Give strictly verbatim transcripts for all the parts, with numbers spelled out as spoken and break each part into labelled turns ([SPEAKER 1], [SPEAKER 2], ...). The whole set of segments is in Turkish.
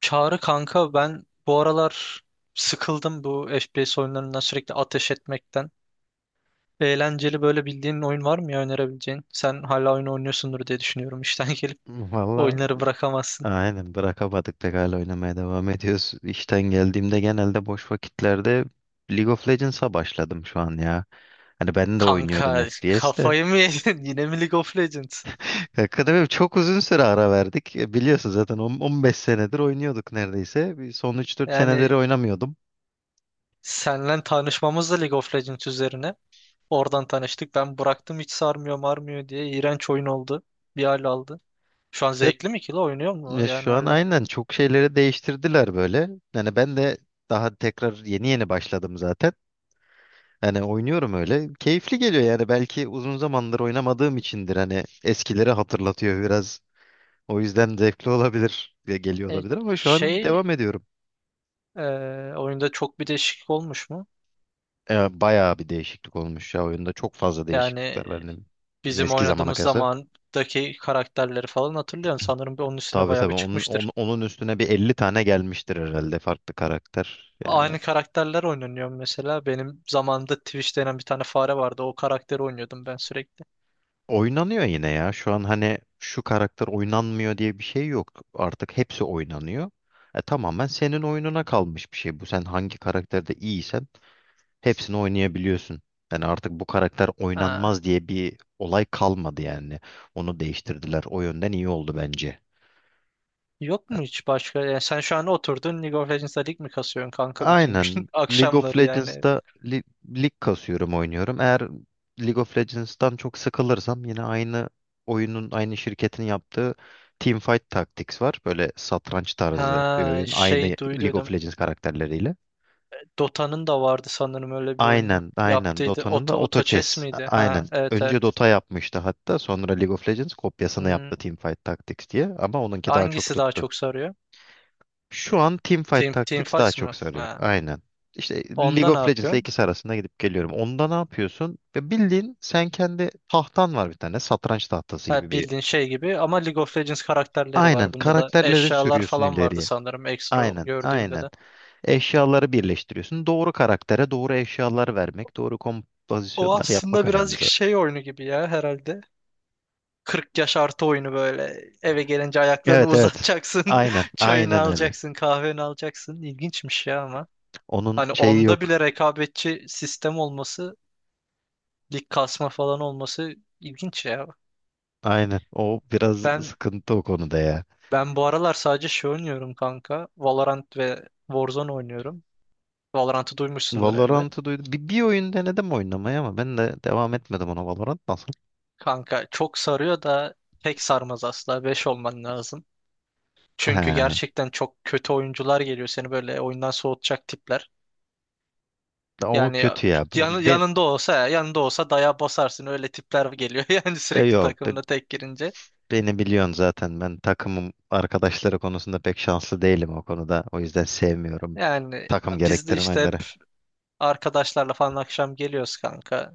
[SPEAKER 1] Çağrı kanka ben bu aralar sıkıldım bu F P S oyunlarından sürekli ateş etmekten. Eğlenceli böyle bildiğin oyun var mı ya önerebileceğin? Sen hala oyun oynuyorsundur diye düşünüyorum işten gelip.
[SPEAKER 2] Valla
[SPEAKER 1] Oyunları bırakamazsın.
[SPEAKER 2] aynen bırakamadık pek, hala oynamaya devam ediyoruz. İşten geldiğimde genelde boş vakitlerde League of Legends'a başladım şu an ya. Hani ben de oynuyordum
[SPEAKER 1] Kanka
[SPEAKER 2] F P S'te.
[SPEAKER 1] kafayı mı yedin? Yine mi League of Legends?
[SPEAKER 2] Kanka benim çok uzun süre ara verdik. E, Biliyorsun zaten on- 15 senedir oynuyorduk neredeyse. Bir Son üç dört senedir
[SPEAKER 1] Yani
[SPEAKER 2] oynamıyordum.
[SPEAKER 1] senle tanışmamız da League of Legends üzerine. Oradan tanıştık. Ben bıraktım hiç sarmıyor marmıyor diye. İğrenç oyun oldu. Bir hal aldı. Şu an
[SPEAKER 2] Ya,
[SPEAKER 1] zevkli mi ki la oynuyor mu
[SPEAKER 2] ya
[SPEAKER 1] yani
[SPEAKER 2] şu an
[SPEAKER 1] hala?
[SPEAKER 2] aynen çok şeyleri değiştirdiler böyle. Yani ben de daha tekrar yeni yeni başladım zaten. Yani oynuyorum öyle. Keyifli geliyor yani. Belki uzun zamandır oynamadığım içindir. Hani eskileri hatırlatıyor biraz. O yüzden zevkli olabilir ve geliyor
[SPEAKER 1] E,
[SPEAKER 2] olabilir, ama şu an
[SPEAKER 1] şey
[SPEAKER 2] devam ediyorum.
[SPEAKER 1] Ee, oyunda çok bir değişiklik olmuş mu?
[SPEAKER 2] Ee, bayağı bir değişiklik olmuş ya oyunda. Çok fazla
[SPEAKER 1] Yani
[SPEAKER 2] değişiklikler var. Yani
[SPEAKER 1] bizim
[SPEAKER 2] eski zamana
[SPEAKER 1] oynadığımız
[SPEAKER 2] kıyasla.
[SPEAKER 1] zamandaki karakterleri falan hatırlıyorum. Sanırım bir onun üstüne
[SPEAKER 2] Tabii
[SPEAKER 1] bayağı bir
[SPEAKER 2] tabii onun,
[SPEAKER 1] çıkmıştır.
[SPEAKER 2] onun, onun üstüne bir elli tane gelmiştir herhalde farklı karakter. Yani
[SPEAKER 1] Aynı karakterler oynanıyor mesela. Benim zamanımda Twitch denen bir tane fare vardı. O karakteri oynuyordum ben sürekli.
[SPEAKER 2] oynanıyor yine ya. Şu an hani şu karakter oynanmıyor diye bir şey yok. Artık hepsi oynanıyor. E, tamamen senin oyununa kalmış bir şey bu. Sen hangi karakterde iyiysen hepsini oynayabiliyorsun. Yani artık bu karakter
[SPEAKER 1] Ha.
[SPEAKER 2] oynanmaz diye bir olay kalmadı yani. Onu değiştirdiler. O yönden iyi oldu bence.
[SPEAKER 1] Yok mu hiç başka? Yani sen şu an oturdun League of Legends'da lig mi kasıyorsun kanka bütün gün?
[SPEAKER 2] Aynen. League of
[SPEAKER 1] Akşamları yani.
[SPEAKER 2] Legends'da li- lig kasıyorum, oynuyorum. Eğer League of Legends'tan çok sıkılırsam yine aynı oyunun, aynı şirketin yaptığı Teamfight Tactics var. Böyle satranç tarzı bir
[SPEAKER 1] Ha
[SPEAKER 2] oyun. Aynı
[SPEAKER 1] şey
[SPEAKER 2] League of
[SPEAKER 1] duyduydum.
[SPEAKER 2] Legends karakterleriyle.
[SPEAKER 1] Dota'nın da vardı sanırım öyle bir oyunu.
[SPEAKER 2] Aynen aynen,
[SPEAKER 1] Yaptıydı.
[SPEAKER 2] Dota'nın da
[SPEAKER 1] Auto,
[SPEAKER 2] Auto
[SPEAKER 1] Auto Chess
[SPEAKER 2] Chess. A-
[SPEAKER 1] miydi?
[SPEAKER 2] Aynen.
[SPEAKER 1] Ha evet
[SPEAKER 2] Önce
[SPEAKER 1] evet.
[SPEAKER 2] Dota yapmıştı hatta, sonra League of Legends kopyasını yaptı
[SPEAKER 1] Hmm.
[SPEAKER 2] Teamfight Tactics diye, ama onunki daha çok
[SPEAKER 1] Hangisi daha
[SPEAKER 2] tuttu.
[SPEAKER 1] çok sarıyor?
[SPEAKER 2] Şu
[SPEAKER 1] E,
[SPEAKER 2] an Teamfight
[SPEAKER 1] Team, Team
[SPEAKER 2] Tactics daha
[SPEAKER 1] Fights
[SPEAKER 2] çok
[SPEAKER 1] mı?
[SPEAKER 2] sarıyor.
[SPEAKER 1] Ha.
[SPEAKER 2] Aynen. İşte
[SPEAKER 1] Onda
[SPEAKER 2] League
[SPEAKER 1] ne
[SPEAKER 2] of Legends ile
[SPEAKER 1] yapıyorsun?
[SPEAKER 2] ikisi arasında gidip geliyorum. Onda ne yapıyorsun? Ve bildiğin sen kendi tahtan var bir tane. Satranç tahtası gibi
[SPEAKER 1] Ha,
[SPEAKER 2] bir.
[SPEAKER 1] bildiğin şey gibi ama League of Legends karakterleri
[SPEAKER 2] Aynen.
[SPEAKER 1] var bunda da.
[SPEAKER 2] Karakterleri
[SPEAKER 1] Eşyalar
[SPEAKER 2] sürüyorsun
[SPEAKER 1] falan vardı
[SPEAKER 2] ileriye.
[SPEAKER 1] sanırım ekstra
[SPEAKER 2] Aynen.
[SPEAKER 1] gördüğümde
[SPEAKER 2] Aynen.
[SPEAKER 1] de.
[SPEAKER 2] Eşyaları birleştiriyorsun. Doğru karaktere doğru eşyalar vermek, doğru
[SPEAKER 1] O
[SPEAKER 2] kompozisyonlar yapmak
[SPEAKER 1] aslında
[SPEAKER 2] önemli
[SPEAKER 1] birazcık
[SPEAKER 2] zaten.
[SPEAKER 1] şey oyunu gibi ya herhalde. kırk yaş artı oyunu böyle. Eve gelince ayaklarını
[SPEAKER 2] Evet evet.
[SPEAKER 1] uzatacaksın.
[SPEAKER 2] Aynen.
[SPEAKER 1] Çayını
[SPEAKER 2] Aynen öyle.
[SPEAKER 1] alacaksın, kahveni alacaksın. İlginçmiş ya ama.
[SPEAKER 2] Onun
[SPEAKER 1] Hani
[SPEAKER 2] şeyi
[SPEAKER 1] onda
[SPEAKER 2] yok.
[SPEAKER 1] bile rekabetçi sistem olması, lig kasma falan olması ilginç ya.
[SPEAKER 2] Aynen. O biraz
[SPEAKER 1] Ben
[SPEAKER 2] sıkıntı o konuda ya.
[SPEAKER 1] Ben bu aralar sadece şey oynuyorum kanka. Valorant ve Warzone oynuyorum. Valorant'ı duymuşsundur elbet.
[SPEAKER 2] Valorant'ı duydum. Bir, bir oyun denedim oynamayı ama ben de devam etmedim ona. Valorant nasıl?
[SPEAKER 1] Kanka çok sarıyor da tek sarmaz asla. Beş olman lazım. Çünkü
[SPEAKER 2] He,
[SPEAKER 1] gerçekten çok kötü oyuncular geliyor seni böyle oyundan soğutacak tipler.
[SPEAKER 2] o
[SPEAKER 1] Yani
[SPEAKER 2] kötü ya. Ben,
[SPEAKER 1] yan-
[SPEAKER 2] ben-
[SPEAKER 1] yanında olsa yanında olsa daya basarsın öyle tipler geliyor yani
[SPEAKER 2] e,
[SPEAKER 1] sürekli
[SPEAKER 2] yok be-
[SPEAKER 1] takımda tek girince.
[SPEAKER 2] Beni biliyorsun zaten. Ben takımım arkadaşları konusunda pek şanslı değilim o konuda. O yüzden sevmiyorum
[SPEAKER 1] Yani
[SPEAKER 2] takım
[SPEAKER 1] biz de
[SPEAKER 2] gerektiren
[SPEAKER 1] işte
[SPEAKER 2] oyunları.
[SPEAKER 1] arkadaşlarla falan akşam geliyoruz kanka.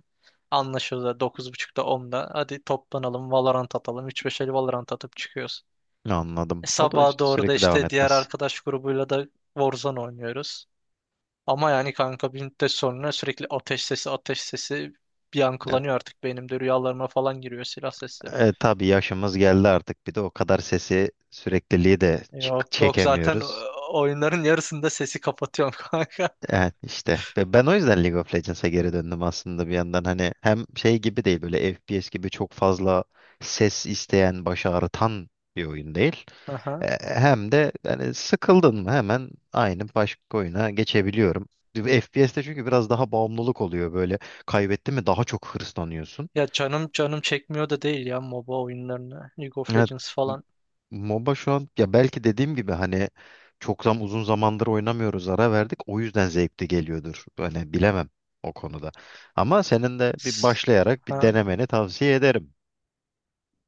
[SPEAKER 1] Anlaşıyoruz da dokuz buçukta onda. Hadi toplanalım Valorant atalım. Üç beş el Valorant atıp çıkıyoruz.
[SPEAKER 2] Anladım.
[SPEAKER 1] E,
[SPEAKER 2] O da
[SPEAKER 1] sabaha
[SPEAKER 2] işte
[SPEAKER 1] doğru da
[SPEAKER 2] sürekli devam
[SPEAKER 1] işte diğer
[SPEAKER 2] etmez.
[SPEAKER 1] arkadaş grubuyla da Warzone oynuyoruz. Ama yani kanka bir müddet sonra sürekli ateş sesi ateş sesi bir
[SPEAKER 2] Ya,
[SPEAKER 1] yankılanıyor artık beynimde rüyalarıma falan giriyor silah sesleri.
[SPEAKER 2] e, tabii yaşımız geldi artık. Bir de o kadar sesi sürekliliği de çık-
[SPEAKER 1] Yok yok zaten
[SPEAKER 2] çekemiyoruz.
[SPEAKER 1] o- oyunların yarısında sesi kapatıyorum kanka.
[SPEAKER 2] Evet, işte ve ben o yüzden League of Legends'a geri döndüm aslında bir yandan. Hani hem şey gibi değil, böyle F P S gibi çok fazla ses isteyen, baş ağrıtan bir oyun değil. E,
[SPEAKER 1] Aha.
[SPEAKER 2] hem de hani sıkıldın mı hemen aynı başka oyuna geçebiliyorum. F P S'te çünkü biraz daha bağımlılık oluyor böyle, kaybettin mi daha çok hırslanıyorsun.
[SPEAKER 1] Ya canım canım çekmiyor da değil ya MOBA oyunlarını. League of
[SPEAKER 2] Evet.
[SPEAKER 1] Legends falan.
[SPEAKER 2] MOBA şu an ya, belki dediğim gibi hani çok zam uzun zamandır oynamıyoruz, ara verdik, o yüzden zevkli geliyordur. Hani bilemem o konuda. Ama senin de bir
[SPEAKER 1] S-
[SPEAKER 2] başlayarak bir
[SPEAKER 1] Ha.
[SPEAKER 2] denemeni tavsiye ederim.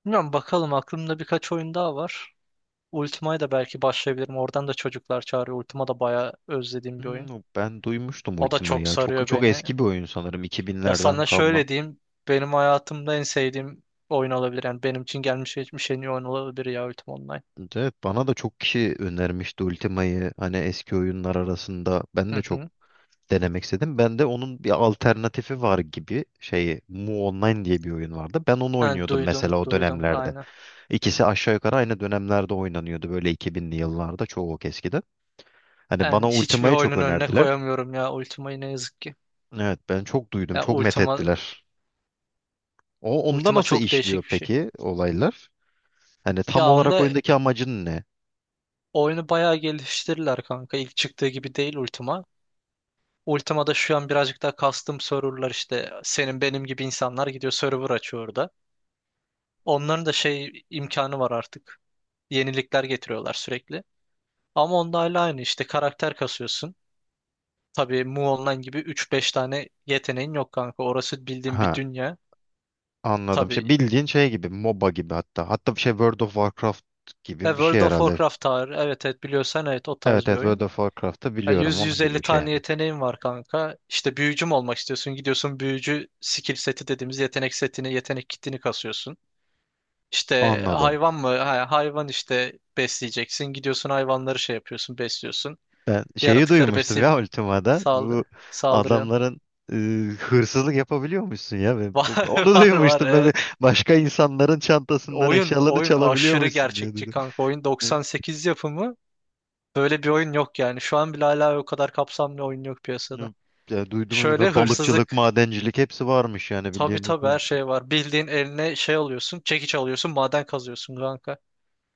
[SPEAKER 1] Bilmiyorum bakalım aklımda birkaç oyun daha var. Ultima'ya da belki başlayabilirim. Oradan da çocuklar çağırıyor. Ultima da bayağı özlediğim bir oyun.
[SPEAKER 2] Hmm, ben duymuştum
[SPEAKER 1] O da
[SPEAKER 2] Ultima
[SPEAKER 1] çok
[SPEAKER 2] ya. Çok
[SPEAKER 1] sarıyor
[SPEAKER 2] çok
[SPEAKER 1] beni.
[SPEAKER 2] eski bir oyun, sanırım
[SPEAKER 1] Ya
[SPEAKER 2] iki binlerden
[SPEAKER 1] sana
[SPEAKER 2] kalma.
[SPEAKER 1] şöyle diyeyim. Benim hayatımda en sevdiğim oyun olabilir. Yani benim için gelmiş geçmiş en iyi oyun olabilir ya Ultima Online.
[SPEAKER 2] Evet, bana da çok kişi önermişti Ultima'yı, hani eski oyunlar arasında. Ben
[SPEAKER 1] Hı
[SPEAKER 2] de çok
[SPEAKER 1] hı.
[SPEAKER 2] denemek istedim. Ben de onun bir alternatifi var gibi şeyi, Mu Online diye bir oyun vardı. Ben onu
[SPEAKER 1] Yani
[SPEAKER 2] oynuyordum
[SPEAKER 1] duydum,
[SPEAKER 2] mesela o
[SPEAKER 1] duydum.
[SPEAKER 2] dönemlerde.
[SPEAKER 1] Aynen.
[SPEAKER 2] İkisi aşağı yukarı aynı dönemlerde oynanıyordu, böyle iki binli yıllarda çoğu, çok eskiden. Hani
[SPEAKER 1] Ben
[SPEAKER 2] bana
[SPEAKER 1] hiçbir
[SPEAKER 2] Ultima'yı çok
[SPEAKER 1] oyunun önüne
[SPEAKER 2] önerdiler.
[SPEAKER 1] koyamıyorum ya Ultima'yı ne yazık ki.
[SPEAKER 2] Evet ben çok duydum,
[SPEAKER 1] Ya
[SPEAKER 2] çok met
[SPEAKER 1] Ultima,
[SPEAKER 2] ettiler. O onda
[SPEAKER 1] Ultima
[SPEAKER 2] nasıl
[SPEAKER 1] çok
[SPEAKER 2] işliyor
[SPEAKER 1] değişik bir şey.
[SPEAKER 2] peki olaylar? Hani tam
[SPEAKER 1] Ya
[SPEAKER 2] olarak
[SPEAKER 1] onda
[SPEAKER 2] oyundaki amacın ne?
[SPEAKER 1] oyunu bayağı geliştirirler kanka. İlk çıktığı gibi değil Ultima. Ultima'da şu an birazcık daha custom serverlar işte senin benim gibi insanlar gidiyor server açıyor orada. Onların da şey imkanı var artık. Yenilikler getiriyorlar sürekli. Ama onda hala aynı işte karakter kasıyorsun. Tabii Mu Online gibi üç beş tane yeteneğin yok kanka. Orası bildiğin bir
[SPEAKER 2] Ha,
[SPEAKER 1] dünya.
[SPEAKER 2] anladım. Şey
[SPEAKER 1] Tabii.
[SPEAKER 2] bildiğin şey gibi, MOBA gibi hatta. Hatta bir şey, World of Warcraft
[SPEAKER 1] Ya
[SPEAKER 2] gibi bir şey
[SPEAKER 1] World of
[SPEAKER 2] herhalde.
[SPEAKER 1] Warcraft tarih. Evet evet biliyorsan evet o
[SPEAKER 2] Evet
[SPEAKER 1] tarz bir
[SPEAKER 2] evet, World
[SPEAKER 1] oyun.
[SPEAKER 2] of Warcraft'ı
[SPEAKER 1] Ya
[SPEAKER 2] biliyorum, onun gibi
[SPEAKER 1] yüz yüz elli
[SPEAKER 2] bir şey
[SPEAKER 1] tane
[SPEAKER 2] yani.
[SPEAKER 1] yeteneğin var kanka. İşte büyücü mü olmak istiyorsun? Gidiyorsun büyücü skill seti dediğimiz yetenek setini, yetenek kitini kasıyorsun. İşte
[SPEAKER 2] Anladım.
[SPEAKER 1] hayvan mı? Ha, hayvan işte besleyeceksin. Gidiyorsun hayvanları şey yapıyorsun, besliyorsun.
[SPEAKER 2] Ben şeyi
[SPEAKER 1] Yaratıkları
[SPEAKER 2] duymuştum
[SPEAKER 1] besleyip
[SPEAKER 2] ya Ultima'da. Bu
[SPEAKER 1] saldır saldırıyorsun.
[SPEAKER 2] adamların e, hırsızlık yapabiliyormuşsun ya. Ben- ben-
[SPEAKER 1] Var
[SPEAKER 2] onu
[SPEAKER 1] var var
[SPEAKER 2] duymuştum. Ben bir
[SPEAKER 1] evet.
[SPEAKER 2] Başka insanların çantasından
[SPEAKER 1] Oyun
[SPEAKER 2] eşyalarını
[SPEAKER 1] oyun aşırı
[SPEAKER 2] çalabiliyormuşsun diye
[SPEAKER 1] gerçekçi
[SPEAKER 2] dedim.
[SPEAKER 1] kanka. Oyun
[SPEAKER 2] Ne?
[SPEAKER 1] doksan sekiz yapımı. Böyle bir oyun yok yani. Şu an bile hala o kadar kapsamlı oyun yok piyasada.
[SPEAKER 2] Ne? Ya duydum ya,
[SPEAKER 1] Şöyle
[SPEAKER 2] ben balıkçılık,
[SPEAKER 1] hırsızlık.
[SPEAKER 2] madencilik hepsi varmış yani bildiğin.
[SPEAKER 1] Tabii tabii her
[SPEAKER 2] Olduğunu çok.
[SPEAKER 1] şey var. Bildiğin eline şey alıyorsun, çekiç alıyorsun, maden kazıyorsun kanka.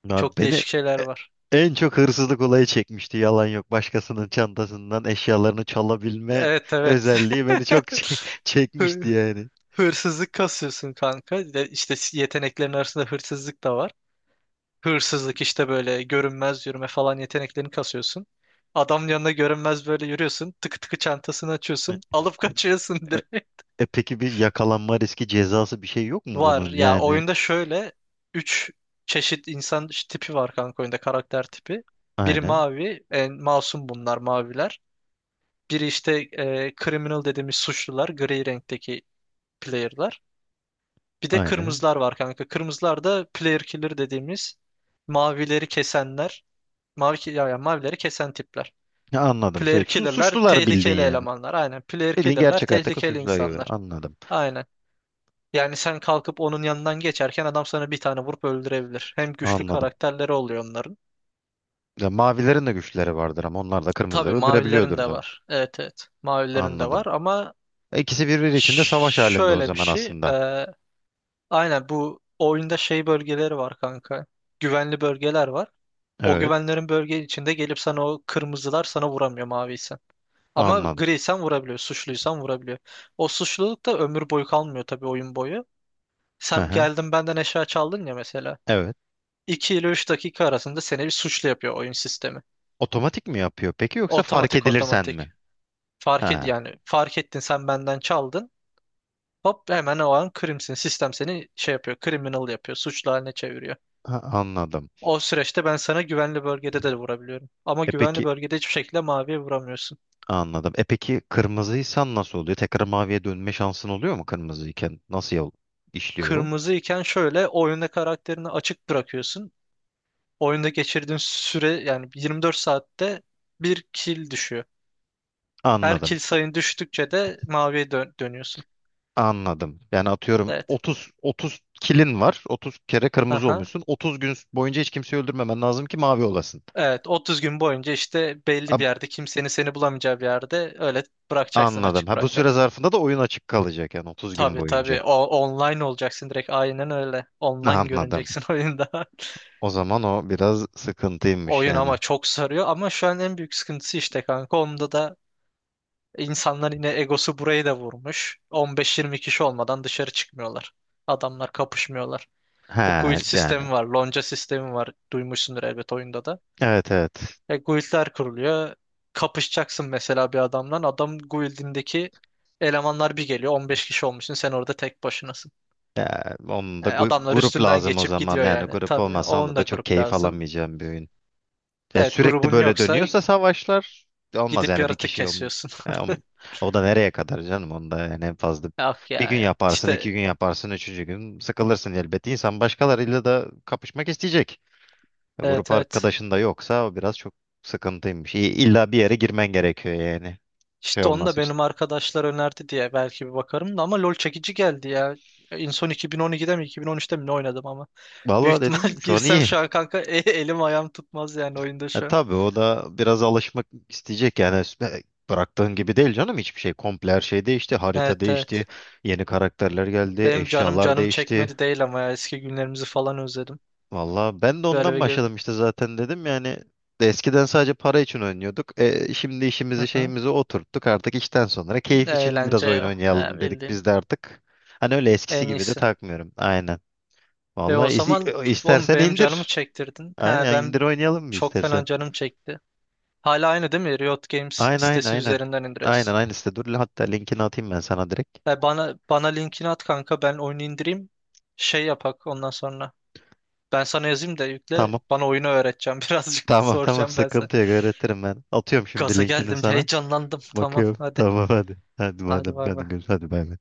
[SPEAKER 2] Ya
[SPEAKER 1] Çok
[SPEAKER 2] beni
[SPEAKER 1] değişik şeyler
[SPEAKER 2] e,
[SPEAKER 1] var.
[SPEAKER 2] en çok hırsızlık olayı çekmişti. Yalan yok. Başkasının çantasından eşyalarını çalabilme
[SPEAKER 1] Evet evet.
[SPEAKER 2] özelliği beni çok çe- çekmişti yani.
[SPEAKER 1] Hırsızlık kasıyorsun kanka. Bir de İşte yeteneklerin arasında hırsızlık da var. Hırsızlık işte böyle görünmez yürüme falan yeteneklerini kasıyorsun. Adamın yanına görünmez böyle yürüyorsun. Tıkı tıkı çantasını açıyorsun. Alıp kaçıyorsun
[SPEAKER 2] E-
[SPEAKER 1] direkt.
[SPEAKER 2] E peki bir yakalanma riski, cezası bir şey yok mu
[SPEAKER 1] Var
[SPEAKER 2] bunun?
[SPEAKER 1] ya
[SPEAKER 2] Yani
[SPEAKER 1] oyunda şöyle üç çeşit insan tipi var kanka oyunda karakter tipi. Biri
[SPEAKER 2] aynen
[SPEAKER 1] mavi, en masum bunlar maviler. Biri işte e, criminal dediğimiz suçlular, gri renkteki player'lar. Bir de
[SPEAKER 2] aynen.
[SPEAKER 1] kırmızılar var kanka. Kırmızılar da player killer dediğimiz mavileri kesenler. Mavi ki- ya, ya mavileri kesen tipler.
[SPEAKER 2] Ya anladım,
[SPEAKER 1] Player
[SPEAKER 2] şey su,
[SPEAKER 1] killer'lar
[SPEAKER 2] suçlular bildin
[SPEAKER 1] tehlikeli
[SPEAKER 2] yani.
[SPEAKER 1] elemanlar. Aynen. Player
[SPEAKER 2] Bildiğin
[SPEAKER 1] killer'lar
[SPEAKER 2] gerçek hayattaki
[SPEAKER 1] tehlikeli
[SPEAKER 2] suçlular gibi.
[SPEAKER 1] insanlar.
[SPEAKER 2] Anladım
[SPEAKER 1] Aynen. Yani sen kalkıp onun yanından geçerken adam sana bir tane vurup öldürebilir. Hem güçlü
[SPEAKER 2] anladım.
[SPEAKER 1] karakterleri oluyor onların.
[SPEAKER 2] Ya mavilerin de güçleri vardır ama onlar da
[SPEAKER 1] Tabii
[SPEAKER 2] kırmızıları
[SPEAKER 1] mavilerin
[SPEAKER 2] öldürebiliyordur
[SPEAKER 1] de
[SPEAKER 2] da.
[SPEAKER 1] var. Evet evet. Mavilerin de var
[SPEAKER 2] Anladım.
[SPEAKER 1] ama
[SPEAKER 2] E, İkisi birbiri içinde savaş
[SPEAKER 1] ş-
[SPEAKER 2] halinde o
[SPEAKER 1] şöyle bir
[SPEAKER 2] zaman
[SPEAKER 1] şey.
[SPEAKER 2] aslında.
[SPEAKER 1] E, aynen bu oyunda şey bölgeleri var kanka. Güvenli bölgeler var. O
[SPEAKER 2] Evet,
[SPEAKER 1] güvenlerin bölge içinde gelip sana o kırmızılar sana vuramıyor maviysen. Ama
[SPEAKER 2] anladım.
[SPEAKER 1] griysen vurabiliyor, suçluysan vurabiliyor. O suçluluk da ömür boyu kalmıyor tabii oyun boyu.
[SPEAKER 2] Hı
[SPEAKER 1] Sen
[SPEAKER 2] hı.
[SPEAKER 1] geldin benden eşya çaldın ya mesela.
[SPEAKER 2] Evet.
[SPEAKER 1] iki ile üç dakika arasında seni bir suçlu yapıyor oyun sistemi.
[SPEAKER 2] Otomatik mi yapıyor peki, yoksa fark
[SPEAKER 1] Otomatik
[SPEAKER 2] edilirsen
[SPEAKER 1] otomatik.
[SPEAKER 2] mi?
[SPEAKER 1] Fark et
[SPEAKER 2] Ha,
[SPEAKER 1] yani fark ettin sen benden çaldın. Hop hemen o an krimsin. Sistem seni şey yapıyor, criminal yapıyor, suçlu haline çeviriyor.
[SPEAKER 2] ha, anladım.
[SPEAKER 1] O süreçte ben sana güvenli bölgede de vurabiliyorum. Ama
[SPEAKER 2] E
[SPEAKER 1] güvenli
[SPEAKER 2] peki
[SPEAKER 1] bölgede hiçbir şekilde maviye vuramıyorsun.
[SPEAKER 2] Anladım. E peki kırmızıysan nasıl oluyor? Tekrar maviye dönme şansın oluyor mu kırmızıyken? Nasıl yol işliyor o?
[SPEAKER 1] Kırmızı iken şöyle oyunda karakterini açık bırakıyorsun. Oyunda geçirdiğin süre yani yirmi dört saatte bir kill düşüyor. Her
[SPEAKER 2] Anladım.
[SPEAKER 1] kill sayın düştükçe de maviye dö- dönüyorsun.
[SPEAKER 2] Anladım. Yani atıyorum
[SPEAKER 1] Evet.
[SPEAKER 2] otuz otuz kilin var. otuz kere kırmızı
[SPEAKER 1] Aha.
[SPEAKER 2] olmuşsun. otuz gün boyunca hiç kimseyi öldürmemen lazım ki mavi olasın.
[SPEAKER 1] Evet otuz gün boyunca işte
[SPEAKER 2] A-
[SPEAKER 1] belli bir yerde kimsenin seni bulamayacağı bir yerde öyle bırakacaksın
[SPEAKER 2] Anladım.
[SPEAKER 1] açık
[SPEAKER 2] Ha, bu süre
[SPEAKER 1] bırakacaksın.
[SPEAKER 2] zarfında da oyun açık kalacak yani otuz gün
[SPEAKER 1] Tabii tabii
[SPEAKER 2] boyunca.
[SPEAKER 1] o online olacaksın direkt aynen öyle. Online
[SPEAKER 2] Anladım.
[SPEAKER 1] görüneceksin oyunda.
[SPEAKER 2] O zaman o biraz sıkıntıymış
[SPEAKER 1] Oyun
[SPEAKER 2] yani.
[SPEAKER 1] ama çok sarıyor ama şu an en büyük sıkıntısı işte kanka onda da İnsanlar yine egosu burayı da vurmuş. on beş yirmi kişi olmadan dışarı çıkmıyorlar. Adamlar kapışmıyorlar.
[SPEAKER 2] He
[SPEAKER 1] Bu guild
[SPEAKER 2] yani.
[SPEAKER 1] sistemi var, lonca sistemi var. Duymuşsundur elbet oyunda da.
[SPEAKER 2] Evet evet.
[SPEAKER 1] E, guildler kuruluyor. Kapışacaksın mesela bir adamdan. Adam guildindeki elemanlar bir geliyor. on beş kişi olmuşsun. Sen orada tek başınasın.
[SPEAKER 2] Ya, onun
[SPEAKER 1] E,
[SPEAKER 2] gu-
[SPEAKER 1] adamlar
[SPEAKER 2] grup
[SPEAKER 1] üstünden
[SPEAKER 2] lazım o
[SPEAKER 1] geçip
[SPEAKER 2] zaman.
[SPEAKER 1] gidiyor
[SPEAKER 2] Yani
[SPEAKER 1] yani.
[SPEAKER 2] grup
[SPEAKER 1] Tabii
[SPEAKER 2] olmasa
[SPEAKER 1] onun
[SPEAKER 2] onda da
[SPEAKER 1] da
[SPEAKER 2] çok
[SPEAKER 1] grup
[SPEAKER 2] keyif
[SPEAKER 1] lazım.
[SPEAKER 2] alamayacağım bir oyun. Ya,
[SPEAKER 1] Evet
[SPEAKER 2] sürekli
[SPEAKER 1] grubun
[SPEAKER 2] böyle
[SPEAKER 1] yoksa
[SPEAKER 2] dönüyorsa savaşlar olmaz
[SPEAKER 1] gidip
[SPEAKER 2] yani, bir
[SPEAKER 1] yaratık
[SPEAKER 2] kişi olm-
[SPEAKER 1] kesiyorsun.
[SPEAKER 2] ya, o, o da nereye kadar canım onda, yani en fazla
[SPEAKER 1] Yok
[SPEAKER 2] bir
[SPEAKER 1] ya.
[SPEAKER 2] gün
[SPEAKER 1] ya.
[SPEAKER 2] yaparsın, iki
[SPEAKER 1] İşte
[SPEAKER 2] gün yaparsın, üçüncü gün sıkılırsın elbette. İnsan başkalarıyla da kapışmak isteyecek. Ya, grup
[SPEAKER 1] evet evet.
[SPEAKER 2] arkadaşın da yoksa o biraz çok sıkıntıymış. İ- İlla bir yere girmen gerekiyor yani şey
[SPEAKER 1] İşte onu da
[SPEAKER 2] olması için.
[SPEAKER 1] benim arkadaşlar önerdi diye belki bir bakarım da ama LoL çekici geldi ya. En son iki bin on ikide mi iki bin on üçte mi ne oynadım ama. Büyük
[SPEAKER 2] Vallahi dediğim
[SPEAKER 1] ihtimal
[SPEAKER 2] gibi şu an
[SPEAKER 1] girsem
[SPEAKER 2] iyi.
[SPEAKER 1] şu an kanka e- elim ayağım tutmaz yani oyunda
[SPEAKER 2] E,
[SPEAKER 1] şu an.
[SPEAKER 2] tabii o da biraz alışmak isteyecek yani. E, bıraktığın gibi değil canım hiçbir şey, komple her şey değişti, harita
[SPEAKER 1] Evet
[SPEAKER 2] değişti,
[SPEAKER 1] evet.
[SPEAKER 2] yeni karakterler geldi,
[SPEAKER 1] Benim canım
[SPEAKER 2] eşyalar
[SPEAKER 1] canım
[SPEAKER 2] değişti.
[SPEAKER 1] çekmedi değil ama ya eski günlerimizi falan özledim.
[SPEAKER 2] Valla ben de
[SPEAKER 1] Böyle
[SPEAKER 2] ondan
[SPEAKER 1] bir göz...
[SPEAKER 2] başladım işte, zaten dedim yani. Eskiden sadece para için oynuyorduk, e, şimdi
[SPEAKER 1] Hı
[SPEAKER 2] işimizi
[SPEAKER 1] hı.
[SPEAKER 2] şeyimizi oturttuk artık, işten sonra keyif için biraz
[SPEAKER 1] Eğlence
[SPEAKER 2] oyun
[SPEAKER 1] ya. Ha,
[SPEAKER 2] oynayalım dedik
[SPEAKER 1] bildiğin
[SPEAKER 2] biz de artık. Hani öyle eskisi
[SPEAKER 1] en
[SPEAKER 2] gibi de
[SPEAKER 1] iyisi.
[SPEAKER 2] takmıyorum aynen.
[SPEAKER 1] E
[SPEAKER 2] Valla
[SPEAKER 1] o zaman oğlum
[SPEAKER 2] istersen
[SPEAKER 1] benim canımı
[SPEAKER 2] indir.
[SPEAKER 1] çektirdin. Ha
[SPEAKER 2] Aynen, indir
[SPEAKER 1] ben
[SPEAKER 2] oynayalım mı
[SPEAKER 1] çok
[SPEAKER 2] istersen?
[SPEAKER 1] fena canım çekti. Hala aynı değil mi? Riot Games
[SPEAKER 2] Aynen aynen
[SPEAKER 1] sitesi
[SPEAKER 2] aynen.
[SPEAKER 1] üzerinden
[SPEAKER 2] Aynen
[SPEAKER 1] indiriyoruz.
[SPEAKER 2] aynısı da. Dur hatta linkini atayım ben sana direkt.
[SPEAKER 1] Ya bana bana linkini at kanka ben oyunu indireyim. Şey yapak ondan sonra. Ben sana yazayım da yükle.
[SPEAKER 2] Tamam.
[SPEAKER 1] Bana oyunu öğreteceğim birazcık.
[SPEAKER 2] Tamam tamam,
[SPEAKER 1] Soracağım ben sana.
[SPEAKER 2] sıkıntı yok, öğretirim ben. Atıyorum şimdi
[SPEAKER 1] Gaza
[SPEAKER 2] linkini
[SPEAKER 1] geldim,
[SPEAKER 2] sana.
[SPEAKER 1] heyecanlandım. Tamam
[SPEAKER 2] Bakıyorum.
[SPEAKER 1] hadi.
[SPEAKER 2] Tamam hadi. Hadi
[SPEAKER 1] Hadi
[SPEAKER 2] madem
[SPEAKER 1] bay
[SPEAKER 2] hadi,
[SPEAKER 1] bay.
[SPEAKER 2] görüş- hadi bay bay.